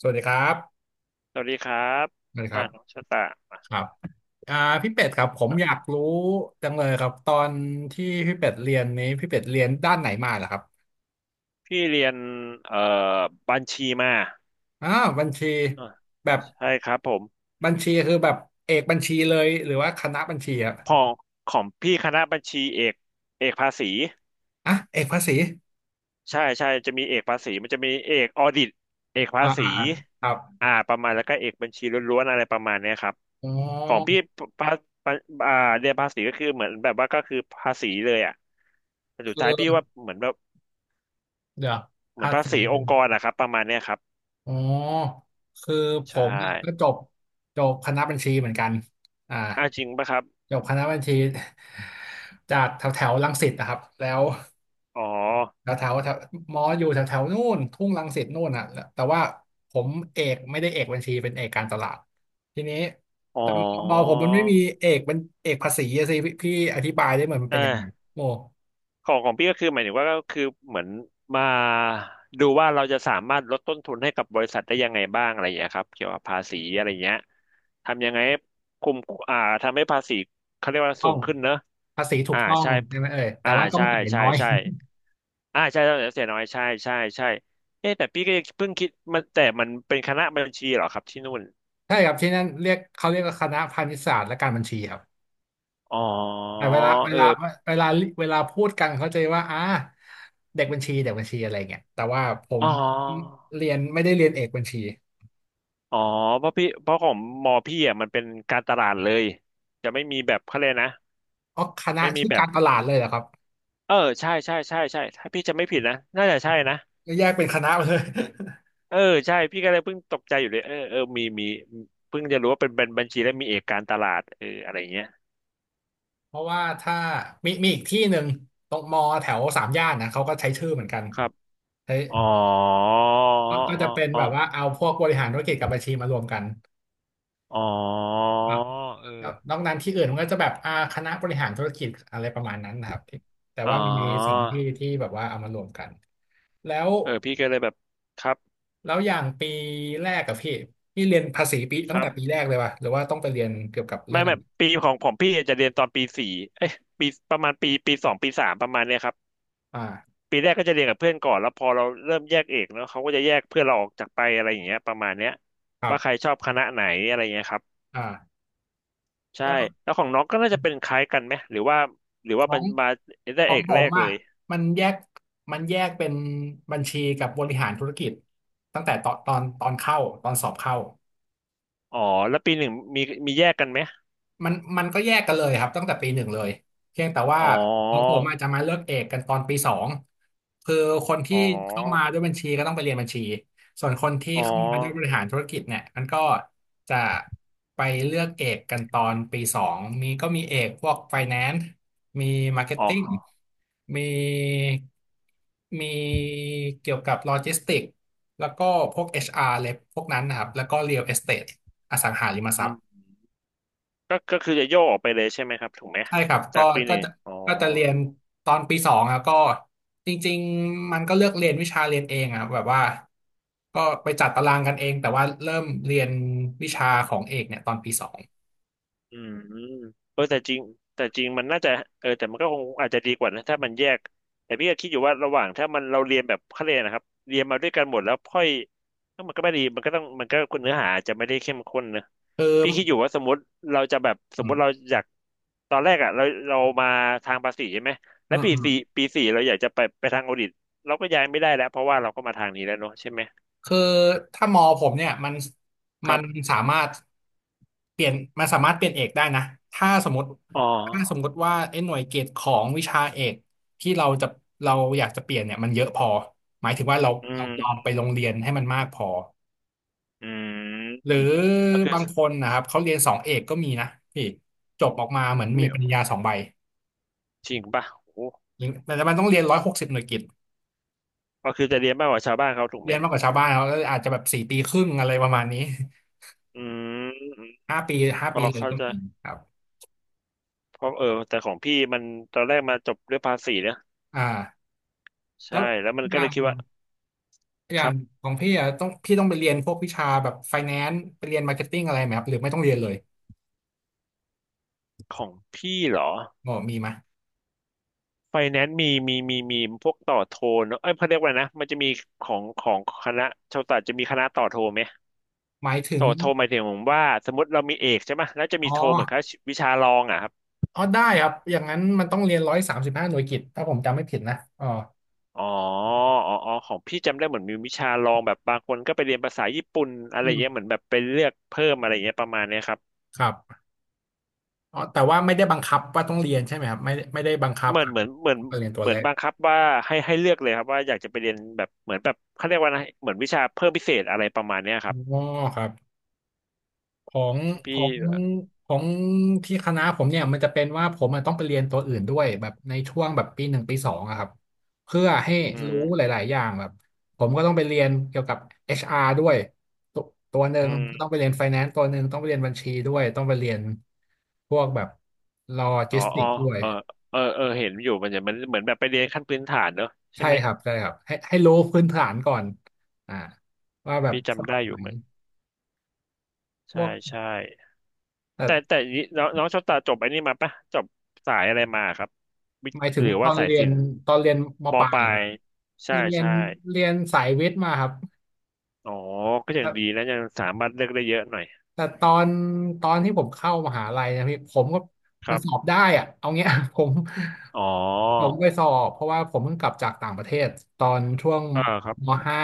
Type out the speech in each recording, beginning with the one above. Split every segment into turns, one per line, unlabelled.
สวัสดีครับ
สวัสดีครับ
สวัสดีค
อ่า
รับ
น้องชะตา
ครับอ่าพี่เป็ดครับผมอยา
อ่ะ
กรู้จังเลยครับตอนที่พี่เป็ดเรียนนี้พี่เป็ดเรียนด้านไหนมาเหรอครับ
พี่เรียนเอ่อบัญชีมา
อ่าบัญชี
อ่ะ
แบบ
ใช่ครับผม
บัญชีคือแบบเอกบัญชีเลยหรือว่าคณะบัญชีอะ
พอของพี่คณะบัญชีเอกภาษี
อ่ะเอกภาษี
ใช่ใช่จะมีเอกภาษีมันจะมีเอกออดิตเอกภา
อ่า
ษี
อ่าอ่าครับ
อ่าประมาณแล้วก็เอกบัญชีล้วนๆอะไรประมาณเนี้ยครับ
อ๋อ
ของพี่ภาภาอ่าเรียนภาษีก็คือเหมือนแบบว่าก็คือภาษีเลยอ่ะแต่สุด
คื
ท้ายพี่ว่า
อ
เหมือนแบบ
เดี๋ยว
เหมื
ภา
อนภา
ษี
ษีองค์กรนะครับประมาณเนี้ยครับ
อ๋อ คือผ
ใช่
มก็จบคณะบัญชีเหมือนกันอ่า
อ่าจริงปะครับ
จบคณะบัญชี จากแถวแถวรังสิตนะครับแล้ว
อ๋อ
แถวแถวแถวมออยู่แถวแถวนู่นทุ่งรังสิตนู่นอ่ะแล้วแต่ว่าผมเอกไม่ได้เอกบัญชีเป็นเอกการตลาดทีนี้
อ๋อ
แต่มอผมมันไม่มีเอกเป็นเอกภาษีอะสิพี่อธิบายได้เหมือนมัน
อ่
เป็นยังไง
า
โม
ของของพี่ก็คือหมายถึงว่าก็คือเหมือนมาดูว่าเราจะสามารถลดต้นทุนให้กับบริษัทได้ยังไงบ้างอะไรอย่างเงี้ยครับเกี่ยวกับภาษีอะไรเงี้ยทำยังไงให้คุมอ่าทำให้ภาษีเขาเรียกว่า
ต้
สู
อง
งขึ้นเนอะ
ภาษีถู
อ่า
กต้อง
ใช่
ใช่ไหมเอ่ยแต่
อ่า
ว่าต้อง
ใช่
จ่าย
ใช่
น้อย
ใช่อ่าใช่ต้องเสียน้อยใช่ใช่ใช่เอ๊ะแต่พี่ก็ยังเพิ่งคิดมันแต่มันเป็นคณะบัญชีเหรอครับที่นู่น
ใช่ครับที่นั่นเรียกเขาเรียกว่าคณะพาณิชยศาสตร์และการบัญชีครับ
อ๋อ
แต่
เออ
เวลาเวลาพูดกันเขาใจะว่าเด็กบัญชีเด็กบัญชีอะไรเงี้ยแต่ว่าผม
อ๋อ
เรียนไม่ได้เรียนเอกบัญชี
อ๋อเพราะพี่เพราะของมอพี่อ่ะมันเป็นการตลาดเลยจะไม่มีแบบเขาเลยกนะ
อ๋อคณะ
ไม่มี
ชื่อ
แบ
กา
บ
รตลาดเลยเหรอครับ
เออใช่ใช่ใช่ใช่ถ้าพี่จะไม่ผิดนะน่าจะใช่นะ
ก็แยกเป็นคณะไปเลย
เออใช่พี่ก็เลยเพิ่งตกใจอยู่เลยเออเออมีมีเพิ่งจะรู้ว่าเป็นบัญชีและมีเอกการตลาดเอออะไรเงี้ย
เพราะว่าถ้ามีอีกที่หนึ่งตรงมอแถวสามย่านนะเขาก็ใช้ชื่อเหมือนกัน
ครับ
ใช้
อ๋ออ๋
ก็จะ
อ
เป็น
อ๋อ
แบบว่าเอาพวกบริหารธุรกิจกับบัญชีมารวมกัน
อ๋อเอ
คร
อ
นอกนั้นที่อื่นมันก็จะแบบคณะบริหารธุรกิจอะไรประมาณนั้นนะครับที่แต่
อ๋อ
ว่ามันมีสองที่ที่แบบว่าเอามารวมกันแล้ว
เออพี่ก็เลยแบบครับ
แล้วอย่างปีแรกกับพี่เรียนภาษีปี
ค
ตั้ง
รั
แต่ปี
บ
แรกเลยป่ะหรือว่าต้องไปเรียนเกี่ยวกับเรื่
ไม่
อง
ไม่ปีของของพี่จะเรียนตอนปีสี่เอ้ยปีประมาณปีสองปีสามประมาณเนี้ยครับ
อ่า
ปีแรกก็จะเรียนกับเพื่อนก่อนแล้วพอเราเริ่มแยกเอกเนาะเขาก็จะแยกเพื่อนเราออกจากไปอะไรอย่างเงี้ยประมาณเนี้ย
ครั
ว่าใคร
บ
ชอบคณะไหนอะไรเงี้ยครับ
อ่า
ใช่
แล้ว
แล้วของน้องก็น่าจะเป็นคล้ายกันไหมหรือว่าหรือ
ข
ว่า
อ
มัน
ง
มาได้
ขอ
เอ
ง
ก
ผ
แร
ม
กเล
อ่ะ
ย
มันแยกมันแยกเป็นบัญชีกับบริหารธุรกิจตั้งแต่ตอนเข้าตอนสอบเข้า
อ๋อแล้วปีหนึ่งมีมีแยกกันไหม
มันก็แยกกันเลยครับตั้งแต่ปีหนึ่งเลยเพียงแต่ว่า
อ๋อ
ของผมอาจจะมาเลือกเอกกันตอนปีสองคือคนที่
อ๋อ
เข้ามาด้วยบัญชีก็ต้องไปเรียนบัญชีส่วนคนที่
อ๋
เข้ามาด้วยบ
อ
ริหารธุรกิจเนี่ยมันก็จะไปเลือกเอกกันตอนปีสองมีก็มีเอกพวก f i แ a น c ์มีมาร์เก็ต
อ๋
ติ้ง
อ
มีมีเกี่ยวกับโลจิสติกแล้วก็พวก HR เลยพวกนั้นนะครับแล้วก็ Real Estate อสังหาริมท
อื
รัพ
ม
ย์
ก็คือจะโยกออกไปเลยใช่ไหมครับถูกไหม
ใช่ครับ
จากปีห
ก็
นึ่ง
จะ
อ๋อ
ก็จะเรียนตอนปีสองครับก็จริงๆมันก็เลือกเรียนวิชาเรียนเองอะครับแบบว่าก็ไปจัดตารางกันเองแต่ว่าเริ่มเรียนวิชาของเอกเนี่ยตอนปีสอง
อืมเออแต่จริงแต่จริงมันน่าจะเออแต่มันก็คงอาจจะดีกว่านะถ้ามันแยกแต่พี่ก็คิดอยู่ว่าระหว่างถ้ามันเราเรียนแบบเขาเรียนนะครับเรียนมาด้วยกันหมดแล้วค่อยก็มันก็ไม่ดีมันก็ต้องมันก็เนื้อหาอาจจะไม่ได้เข้มข้นนะ
คือ
พี่คิดอยู่ว่าสมมติเราจะแบบส
อื
มม
ม
ติเราอยากตอนแรกอ่ะเรามาทางภาษีใช่ไหม
อื
แล้ว
มอืม
ปีสี่เราอยากจะไปทางออดิตเราก็ย้ายไม่ได้แล้วเพราะว่าเราก็มาทางนี้แล้วเนอะใช่ไหม
คือถ้ามอผมเนี่ยมัน
ค
มั
รั
น
บ
สามารถเปลี่ยนมันสามารถเปลี่ยนเอกได้นะถ้าสมมติ
อ๋อ
ถ้าสมมติว่าไอ้หน่วยเกรดของวิชาเอกที่เราอยากจะเปลี่ยนเนี่ยมันเยอะพอหมายถึงว่าเรา
อื
เราลอง
ม
ไปโรงเรียนให้มันมากพอ
อื
หรือ
มก็คือ
บางคนนะครับเขาเรียนสองเอกก็มีนะพี่จบออกมาเหมือนมีปริญญาสองใบ
จริงป่ะโอ้โห
หรือแต่มันต้องเรียน160หน่วยกิต
ก็คือจะเรียนมากกว่าชาวบ้านเขาถูกไห
เรี
ม
ยนมากกว่าชาวบ้านเขาก็อาจจะแบบสี่ปีครึ่งอะไรประมาณนี้
อืมอืม
ห้าปี
อืม
ห้า
พอ
ปีเลย
เขา
ก็
ใจะ
มีครับ
เพราะเออแต่ของพี่มันตอนแรกมาจบด้วยภาษีนะ
อ่า
ใช่
แล้ว
แล้วมัน
อ
ก็
ย่า
เลย
ง
คิดว่า
อ
ค
ย่า
รั
ง
บ
ของพี่อ่ะต้องพี่ต้องไปเรียนพวกวิชาแบบไฟแนนซ์ไปเรียนมาร์เก็ตติ้งอะไรไหมครับหรือไม่ต้องเรียนเลย
ของพี่เหรอ
บอกมีไหม
ไฟแนนซ์มีพวกต่อโทเนอะเอ้ยเขาเรียกว่านะมันจะมีของคณะชาวศาสตร์จะมีคณะต่อโทไหม
หมายถึง
ต่อโทหมายถึงว่าสมมติเรามีเอกใช่ไหมแล้วจะ
อ๋
มี
อ
โทเหมือนกับวิชารองอ่ะ
อ๋อได้ครับอย่างนั้นมันต้องเรียน135หน่วยกิตถ้าผมจำไม่ผิดนะอ๋อ
อ๋ออ๋ออ๋อของพี่จำได้เหมือนมีวิชาลองแบบบางคนก็ไปเรียนภาษาญี่ปุ่นอะไร
อืม
เงี้ยเหมือนแบบไปเลือกเพิ่มอะไรเงี้ยประมาณเนี้ยครับ
ครับ อ๋อแต่ว่าไม่ได้บังคับว่าต้องเรียนใช่ไหมครับไม่ไม่ได้บังคับแบบ
เหมือน
เรียนตัว
เหมื
เล
อน
ข
บังคับว่าให้เลือกเลยครับว่าอยากจะไปเรียนแบบเหมือนแบบเขาเรียกว่าอะไรเหมือนวิชาเพิ่มพิเศษอะไรประมาณเนี้ยครับ
อ๋อครับของ
ที่
ข
พี่
องของที่คณะผมเนี่ยมันจะเป็นว่าผมอะต้องไปเรียนตัวอื่นด้วยแบบในช่วงแบบปีหนึ่งปีสองอะครับเพื่อให้
อื
รู้ห
ม
ลายๆอย่างแบบผมก็ต้องไปเรียนเกี่ยวกับเอชอาร์ด้วยตัวตัวหนึ่
อื
งก็ต้อ
ม
งไปเรียน Finance ตัวหนึ่งต้องไปเรียนบัญชีด้วยต้องไปเรียนพวกแบบโล
อ๋
จิ
อ
สติ
อ๋อ
c ด้วย
เออเออเออเห็นอยู่มันจะมันเหมือนแบบไปเรียนขั้นพื้นฐานเนอะใช่
ใช่
ไหม
ครับใช่ครับให้รู้พื้นฐานก่อนอ่าว่าแบบ
พี่
ส
จำได้อยู่
มัย
เหมือน
พว
ใช่
ก
ใช่ แต่
แต่
นี้น้องน้องโชอบตาจบไอ้นี่มาปะจบสายอะไรมาครับวิท
ห
ย์
มายถึ
ห
ง
รือ
ต
ว่า
อน
สาย
เรีย
ศิ
น
ลป์
ตอนเรียนม
ม
ปลา
ป
ย
ลา
เหรอครั
ย
บ
ใช่
เรียน
ใช่
เรียนสายวิทย์มาครับ
อ๋อก็ยังดี
แต่
นะยังสามารถเลือกได้เยอะหน่อย
แต่ตอนที่ผมเข้ามหาลัยนะพี่ผมก็
ค
มั
รั
นสอบ
บ
ได้อะเอาเงี้ย ผม
อ๋อ
ผมไปสอบเพราะว่าผมเพิ่งกลับจากต่างประเทศตอนช่วง
อ่าครับ
ม .5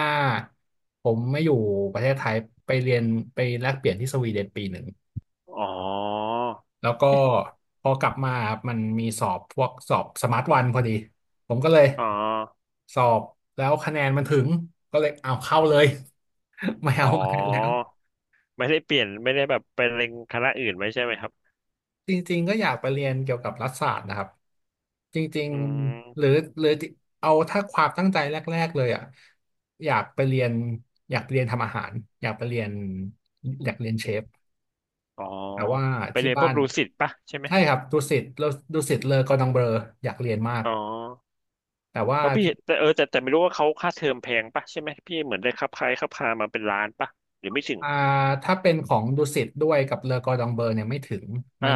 ผมไม่อยู่ประเทศไทยไปเรียนไปแลกเปลี่ยนที่สวีเดนปีหนึ่ง
อ๋อ
แล้วก็
เอ๊ะ
พอกลับมาครับมันมีสอบพวกสอบสมาร์ทวันพอดีผมก็เลย
อ๋อ
สอบแล้วคะแนนมันถึงก็เลยเอาเข้าเลย ไม่
อ๋
เอาอะไรแล้ว
อไม่ได้แบบไปเล็งคณะอื่นไว้ใช่ไหมครับ
จริงๆก็อยากไปเรียนเกี่ยวกับรัฐศาสตร์นะครับจริง
อื
ๆหรือ
ม
หรือเอาถ้าความตั้งใจแรกๆเลยอ่ะอยากไปเรียนอยากไปเรียนทำอาหารอยากไปเรียนอยากเรียนเชฟ
อ๋อ
แต่ว่า
ไป
ที่
เรียนพ
บ้า
วก
น
ดูสิตปะใช่ไหม
ใช่ครับดุสิตเลอกอร์ดองเบลออยากเรียนมาก
อ๋อ
แต่ว่า
เพราะพี่
ที่
เห็นแต่เออแต่ไม่รู้ว่าเขาค่าเทอมแพงปะใช่ไหมพี่เหมือนได้ครับคล้ายครับพามาเป็นล้านปะหรือไม่ถึง
อ่าถ้าเป็นของดุสิตด้วยกับเลอกอร์ดองเบอร์เนี่ยไม่ถึงมั
อ่า
น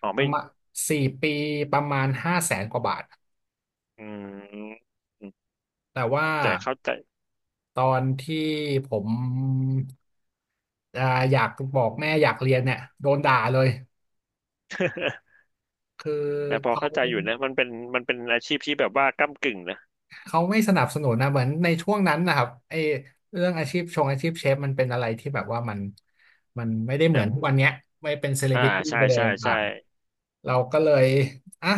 อ๋อ
ป
ไม่
ระมาณ4 ปีประมาณห้าแสนกว่าบาท
อืม
แต่ว่า
แต่เข้าใจ
ตอนที่ผมอ่าอยากบอกแม่อยากเรียนเนี่ยโดนด่าเลย คือ
แต่พอ
เขา
เข้าใจอยู่นะมันเป็นมันเป็นอาชีพที่แบบว่าก้ำกึ่งนะ
เขาไม่สนับสนุนนะเหมือนในช่วงนั้นนะครับไอเรื่องอาชีพอาชีพเชฟมันเป็นอะไรที่แบบว่ามันไม่ได้เหมื
ยั
อ
ง
นทุกวันเนี้ยไม่เป็นเซเล
อ่า
บริตี้
ใช่
ไปเลย
ใช่ใช่
ต่างเราก็เลยอ่ะ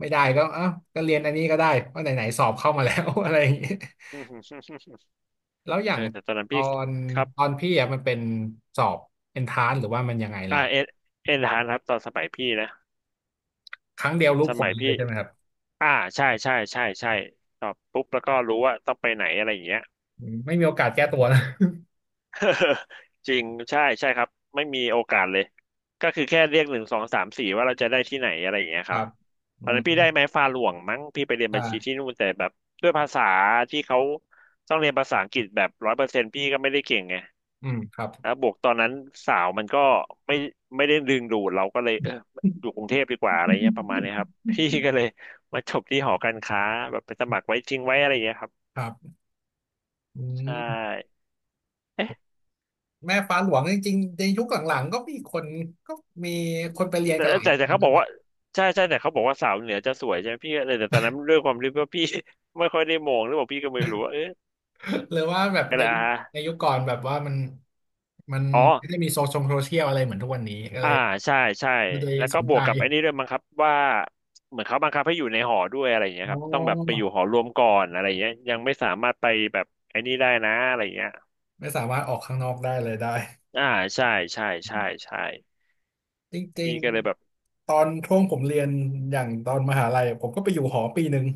ไม่ได้ก็อ่ะก็เรียนอันนี้ก็ได้เพราะไหนๆสอบเข้ามาแล้ว อะไรอย่างนี้ แล้วอย่า
เอ
ง
อแต่ตอนนั้น
ตอ
พี่
น
ครับ
ตอนพี่อ่ะมันเป็นสอบเอนทรานหรือว่ามันยังไง
อ่า
ล่ะครับ
เอ็นเอ็นฮานครับตอนสมัยพี่นะ
ครั้งเดียวรู้
ส
ผล
มัย
เล
พี่
ยใช่ไหมครับ
อ่าใช่ใช่ใช่ใช่ตอบปุ๊บแล้วก็รู้ว่าต้องไปไหนอะไรอย่างเงี้ย
อืมไม่มีโอกาสแก้ตัวนะ
จริงใช่ใช่ครับไม่มีโอกาสเลยก็คือแค่เรียกหนึ่งสองสามสี่ว่าเราจะได้ที่ไหนอะไรอย่างเงี้ย
ค
ครั
รั
บ
บ
ต
อื
อน
ม
นั้นพี่ได้ไม้ฟาหลวงมั้งพี่ไปเรียนบัญชี
อ่า
ที่นู่นแต่แบบด้วยภาษาที่เขาต้องเรียนภาษาอังกฤษแบบ100%พี่ก็ไม่ได้เก่งไง
อืมครับ
แล้วบวกตอนนั้นสาวมันก็ไม่ไม่ได้ดึงดูดเราก็เลยเอออยู่กรุงเทพดีกว่าอะไรเงี้ยประมาณเนี้ยครับ พี่ก็เลยมาจบที่หอการค้าแบบไปสมัครไว้จริงไว้อะไรเงี้ยครับ
ครับอื
ใช่
ม แม่ฟ้าหลวงจริงๆในยุคหลังๆก็มีคนไปเรียนกันหลายค
แต่
น
เขาบอก
นะ
ว่าใช่ใช่แต่เขาบอกว่าสาวเหนือจะสวยใช่ไหมพี่เลยแต่ตอนนั้นด้วยความที่ว่าพี่ ไม่ค่อยได้มองหรือเ่าพี่ก็ไม่รู้ว่าเอ๊ะ
หรือว่าแบบ
กระ
ในยุ
ดา
คในยุคก่อนแบบว่ามัน
อ๋อ
ไม่ได้มีโซเชียลอะไรเหมือนทุกวันนี้ก็เล
อ่า
ย
ใช่ใช่
ไม่ได้
แล้ว
ส
ก็
น
บ
ใจ
วกกับไอ้นี่ด้วยมั้งครับว่าเหมือนเขาบังคับให้อยู่ในหอด้วยอะไรอย่างเงี้ย
โอ
ครับต้องแบบไปอยู่
้
หอรวมก่อนอะไรอย่างเงี้ยยังไม่สามารถไปแบบไอ้นี่ได้นะอะไรอย่างเงี้ย
ไม่สามารถออกข้างนอกได้เลยได้
อ่าใช่ใช่ใช่ใช่
จริ
พี่
ง
ก็เลยแบบ
ๆตอนช่วงผมเรียนอย่างตอนมหาลัยผมก็ไปอยู่หอปีหนึ่ง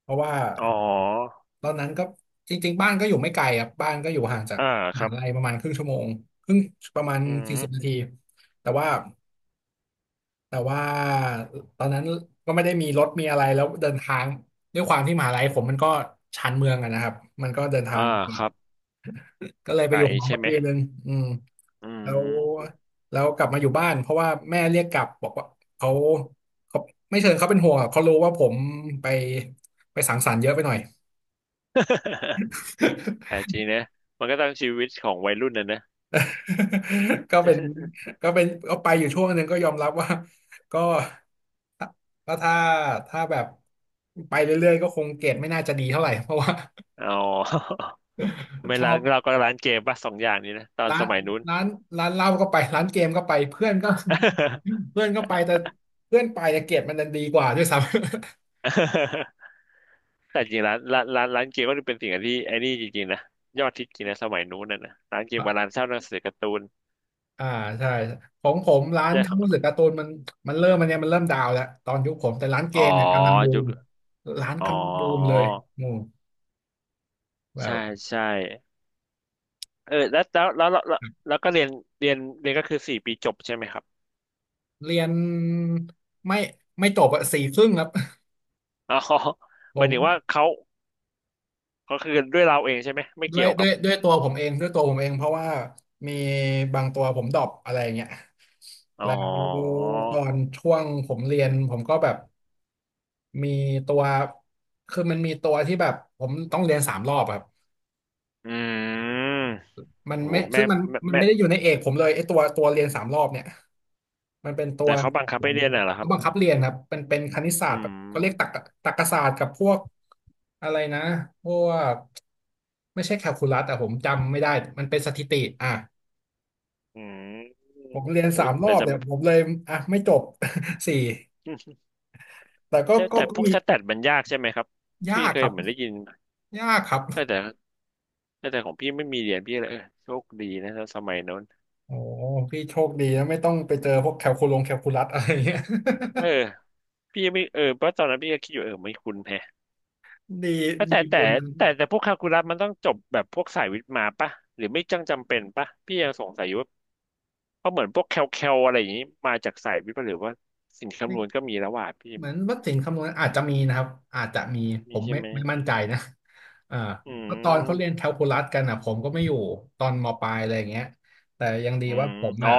เพราะว่า
อ๋อ
ตอนนั้นก็จริงๆบ้านก็อยู่ไม่ไกลครับบ้านก็อยู่ห่างจาก
อ่า
ม
ครั
หา
บ
ลัยประมาณครึ่งชั่วโมงครึ่งประมาณ
อื
สี่
ม
สิบนาทีแต่ว่าแต่ว่าตอนนั้นก็ไม่ได้มีรถมีอะไรแล้วเดินทางด้วยความที่มหาลัยผมมันก็ชานเมืองอะนะครับมันก็เดินทา
อ่า
งลำบา
ค
ก
รับ
ก็เลยไปอ
ไก่
ยู่หอ
ใช่
มา
ไหม
ปีหนึ่งอืม
อื
แล้ว
ม
แล้วกลับมาอยู่บ้านเพราะว่าแม่เรียกกลับบอกว่าเขาเขาไม่เชิญเขาเป็นห่วงอะเขารู้ว่าผมไปไปสังสรรค์เยอะไปหน่อย
แต่จริงนะมันก็ต้องชีวิตของวัยรุ่นนะนะ
ก็เป็นก็เป็นก็ไปอยู่ช่วงหนึ่งก็ยอมรับว่าก็ก็ถ้าแบบไปเรื่อยๆก็คงเกรดไม่น่าจะดีเท่าไหร่เพราะว่า
อ๋อ ไม่
ชอ
ร้าน
บ
เราก็ร้านเกมป่ะ2 อย่างนี้นะตอน
ร้า
ส
น
มัยนู้น
ร้านร้านเหล้าก็ไปร้านเกมก็ไปเพื่อนก็ เพื่อนก็ไปแต่เพื่อนไปแต่เกรดมันดันดีกว่าด้วยซ้
แต่จริงร้านเกมก็เป็นสิ่งที่ไอ้นี่จริงๆนะยอดฮิตจริงนะสมัยนู้นนะนะร้านเกม
ำ
กับร้านเช่าหนังสือการ์ตูน
อ่าใช่ของผมร้าน
เรื่องขอ
หนังสือ
ง
การ์ตูนมันมันเริ่มมันเนี่ยมันเริ่มดาวน์แล้วตอนยุคผมแต่ร้านเก
อ๋อ
มเนี่ยกำลังบู
ยุ
ม
ค
ร้าน
อ๋อ
กำลังบูมเลยหมู่แบ
ใช่
บ
ใช่เออแล้วก็เรียนก็คือ4 ปีจบใช่ไหมครับ
เรียนไม่ไม่จบอะสี่ครึ่งครับ
อ๋อ
ผ
หมาย
ม
ถึงว่าเขาคือด้วยเราเองใช่ไหมไม่
ด้ว
เกี่
ย
ยว
ด้
กั
ว
บ
ยด้วยตัวผมเองด้วยตัวผมเองเพราะว่ามีบางตัวผมดรอปอะไรอย่างเงี้ย
อ๋อ
แล้วตอนช่วงผมเรียนผมก็แบบมีตัวคือมันมีตัวที่แบบผมต้องเรียนสามรอบอะครับ
อืม
มัน
โอ้โห
ไม่ซึ่งมันมัน
แม่
ไม่ได้อยู่ในเอกผมเลยไอ้ตัวเรียนสามรอบเนี่ยมันเป็นตั
แต่
ว
เขา
ข
บั
อ
ง
ง
คับ
เข
ให้เรียนน่ะเหรอครั
า
บ
บังคับเรียนครับเป็นคณิตศา
อื
สตร์แบบเขาเรียก
ม
ตรรกศาสตร์กับพวกอะไรนะพวกไม่ใช่แคลคูลัสแต่ผมจำไม่ได้มันเป็นสถิติอ่ะ
อืม
ผมเรียน
โอ้
สามรอ
แต่
บเนี่
จำ
ย ผมเลยอ่ะไม่จบ สี่แต่ก็
ใช่
ก็
แต่
ก็
พวก
มี
สแตทมันยากใช่ไหมครับ
ยา
พี่
ก
เค
ค
ย
รับ
เหมือนได้ยิน
ยากครับ
แต่แต่ของพี่ไม่มีเรียนพี่เลยเออโชคดีนะสมัยโน้น
โอ้พี่โชคดีนะไม่ต้องไปเจอพวกแคลคูลัสอะไรเงี้ย
เออพี่ไม่เออเพราะตอนนั้นพี่ก็คิดอยู่เออไม่คุ้นแฮะ
ดี
แต่แต่
มีบุญ
แต่พวกคาลคูลัสมันต้องจบแบบพวกสายวิทย์มาปะหรือไม่จังจำเป็นปะพี่ยังสงสัยอยู่ว่าเพราะเหมือนพวกแคลอะไรอย่างนี้มาจากสายวิทย์ปะหรือว่าสิ่งคำนวณก็มีแล้วว่ะพี่
เหมือนวัดสิงห์คำนวณอาจจะมีนะครับอาจจะมีผ
มี
ม
ใช่
ไม่
ไหม
ไม่มั่นใจนะอ่า
อื
เพราะตอนเขาเรียนแค
ม
ลคูลัสกันอ่ะผมก็ไม่อยู่ตอนมปลายอะไรอย่างเงี้ยแต่ยังดี
อื
ว่า
ม
ผม
อ๋อ
อ่ะ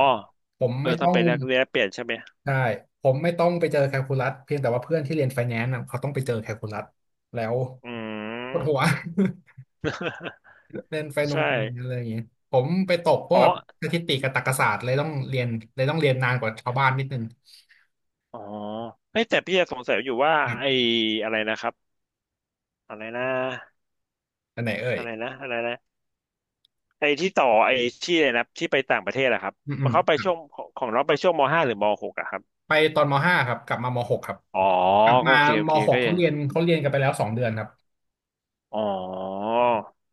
ผม
เออ
ไม่
ต้
ต้
อง
อง
ไปแลกเปลี่ยนใช่ไหม
ใช่ผมไม่ต้องไปเจอแคลคูลัสเพียงแต่ว่าเพื่อนที่เรียนไฟแนนซ์อ่ะเขาต้องไปเจอแคลคูลัสแล้ว
อื
ปว
ม
ดหัว เรียน
ใช่
ไฟแนนซ์อะไรอย่างเงี้ยผมไปตกพ
อ๋
ว
อ
กสถิติกับตรรกศาสตร์เลยต้องเรียนเลยต้องเรียนนานกว่าชาวบ้านนิดนึง
อ๋อเฮ้ยแต่พี่ยังสงสัยอยู่ว่า
ครั
ไอ้
บ
อะไรนะครับอะไรนะ
อันไหนเอ่ย
อะไรนะอะไรนะไอ้ที่อะไรนะที่ไปต่างประเทศอะครับ
อืมอื
เขาไป
ม
ช่วงของน้องไปช่วงมห้าหรือมหกอะครับ
ไปตอนมห้าครับกลับมามหกครับ
อ๋อ
กลับ
ก็
มา
โอเคโอ
ม
เค
หก
ก็
เขา
ยัง
เรียนเขาเรียนกันไปแล้ว2 เดือนครับ
อ๋อ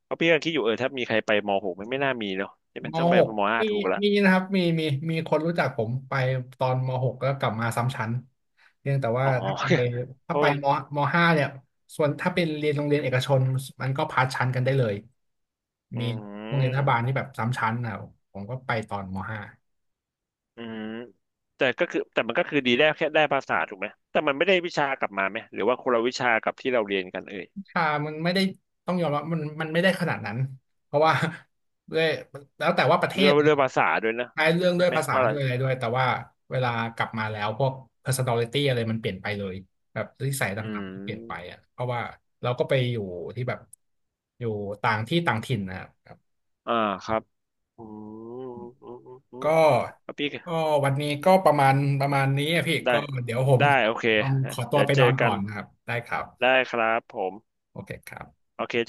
เพราะพี่ยังคิดอยู่เออถ้ามีใครไปมหกมันไม่น่ามีเนาะใช่ไหม
ม
ต้องไป
หก
มห้า
มี
ถูกละ
มีนะครับมีคนรู้จักผมไปตอนมหกแล้วกลับมาซ้ำชั้นเพียงแต่ว่า
อ๋อ
ถ้าไป ถ้า
โอ้
ไป
ย
มห้าเนี่ยส่วนถ้าเป็นเรียนโรงเรียนเอกชนมันก็พาสชั้นกันได้เลย
อื
มีโรงเรียนรัฐบาล
ม
ที่แบบซ้ำชั้นนะครับผมก็ไปตอนมห้า
อืมแต่ก็คือแต่มันก็คือดีได้แค่ได้ภาษาถูกไหมแต่มันไม่ได้วิชากลับมาไหมหรือว่าคนละวิชากับที่เราเรียนกันเอ่ย
ค่ะมันไม่ได้ต้องยอมรับมันไม่ได้ขนาดนั้นเพราะว่า ด้วยแล้วแต่ว่าประเท
ด้วย
ศนะ
ด้วยภาษาด้วยนะ
ใช้เรื่อง
ใช่
ด้วย
ไหม
ภาษา
ว่าอะไร
ด้วยอะไรด้วยแต่ว่าเวลากลับมาแล้วพวก personality อะไรมันเปลี่ยนไปเลยแบบนิสัย
อื
ต่างๆก็เปลี่ยนไป
ม
อ่ะเพราะว่าเราก็ไปอยู่ที่แบบอยู่ต่างที่ต่างถิ่นนะครับ
อ่าครับอืมอืมอืมอืม
ก็
ครับพี่
ก็วันนี้ก็ประมาณนี้อะพี่
ได้
ก็เดี๋ยวผม
ได้โอเค
ต้องขอตัว
เดี๋ยว
ไป
เจ
น
อ
อน
กั
ก่อ
น
นนะครับได้ครับ
ได้ครับผม
โอเคครับ
โอเคจ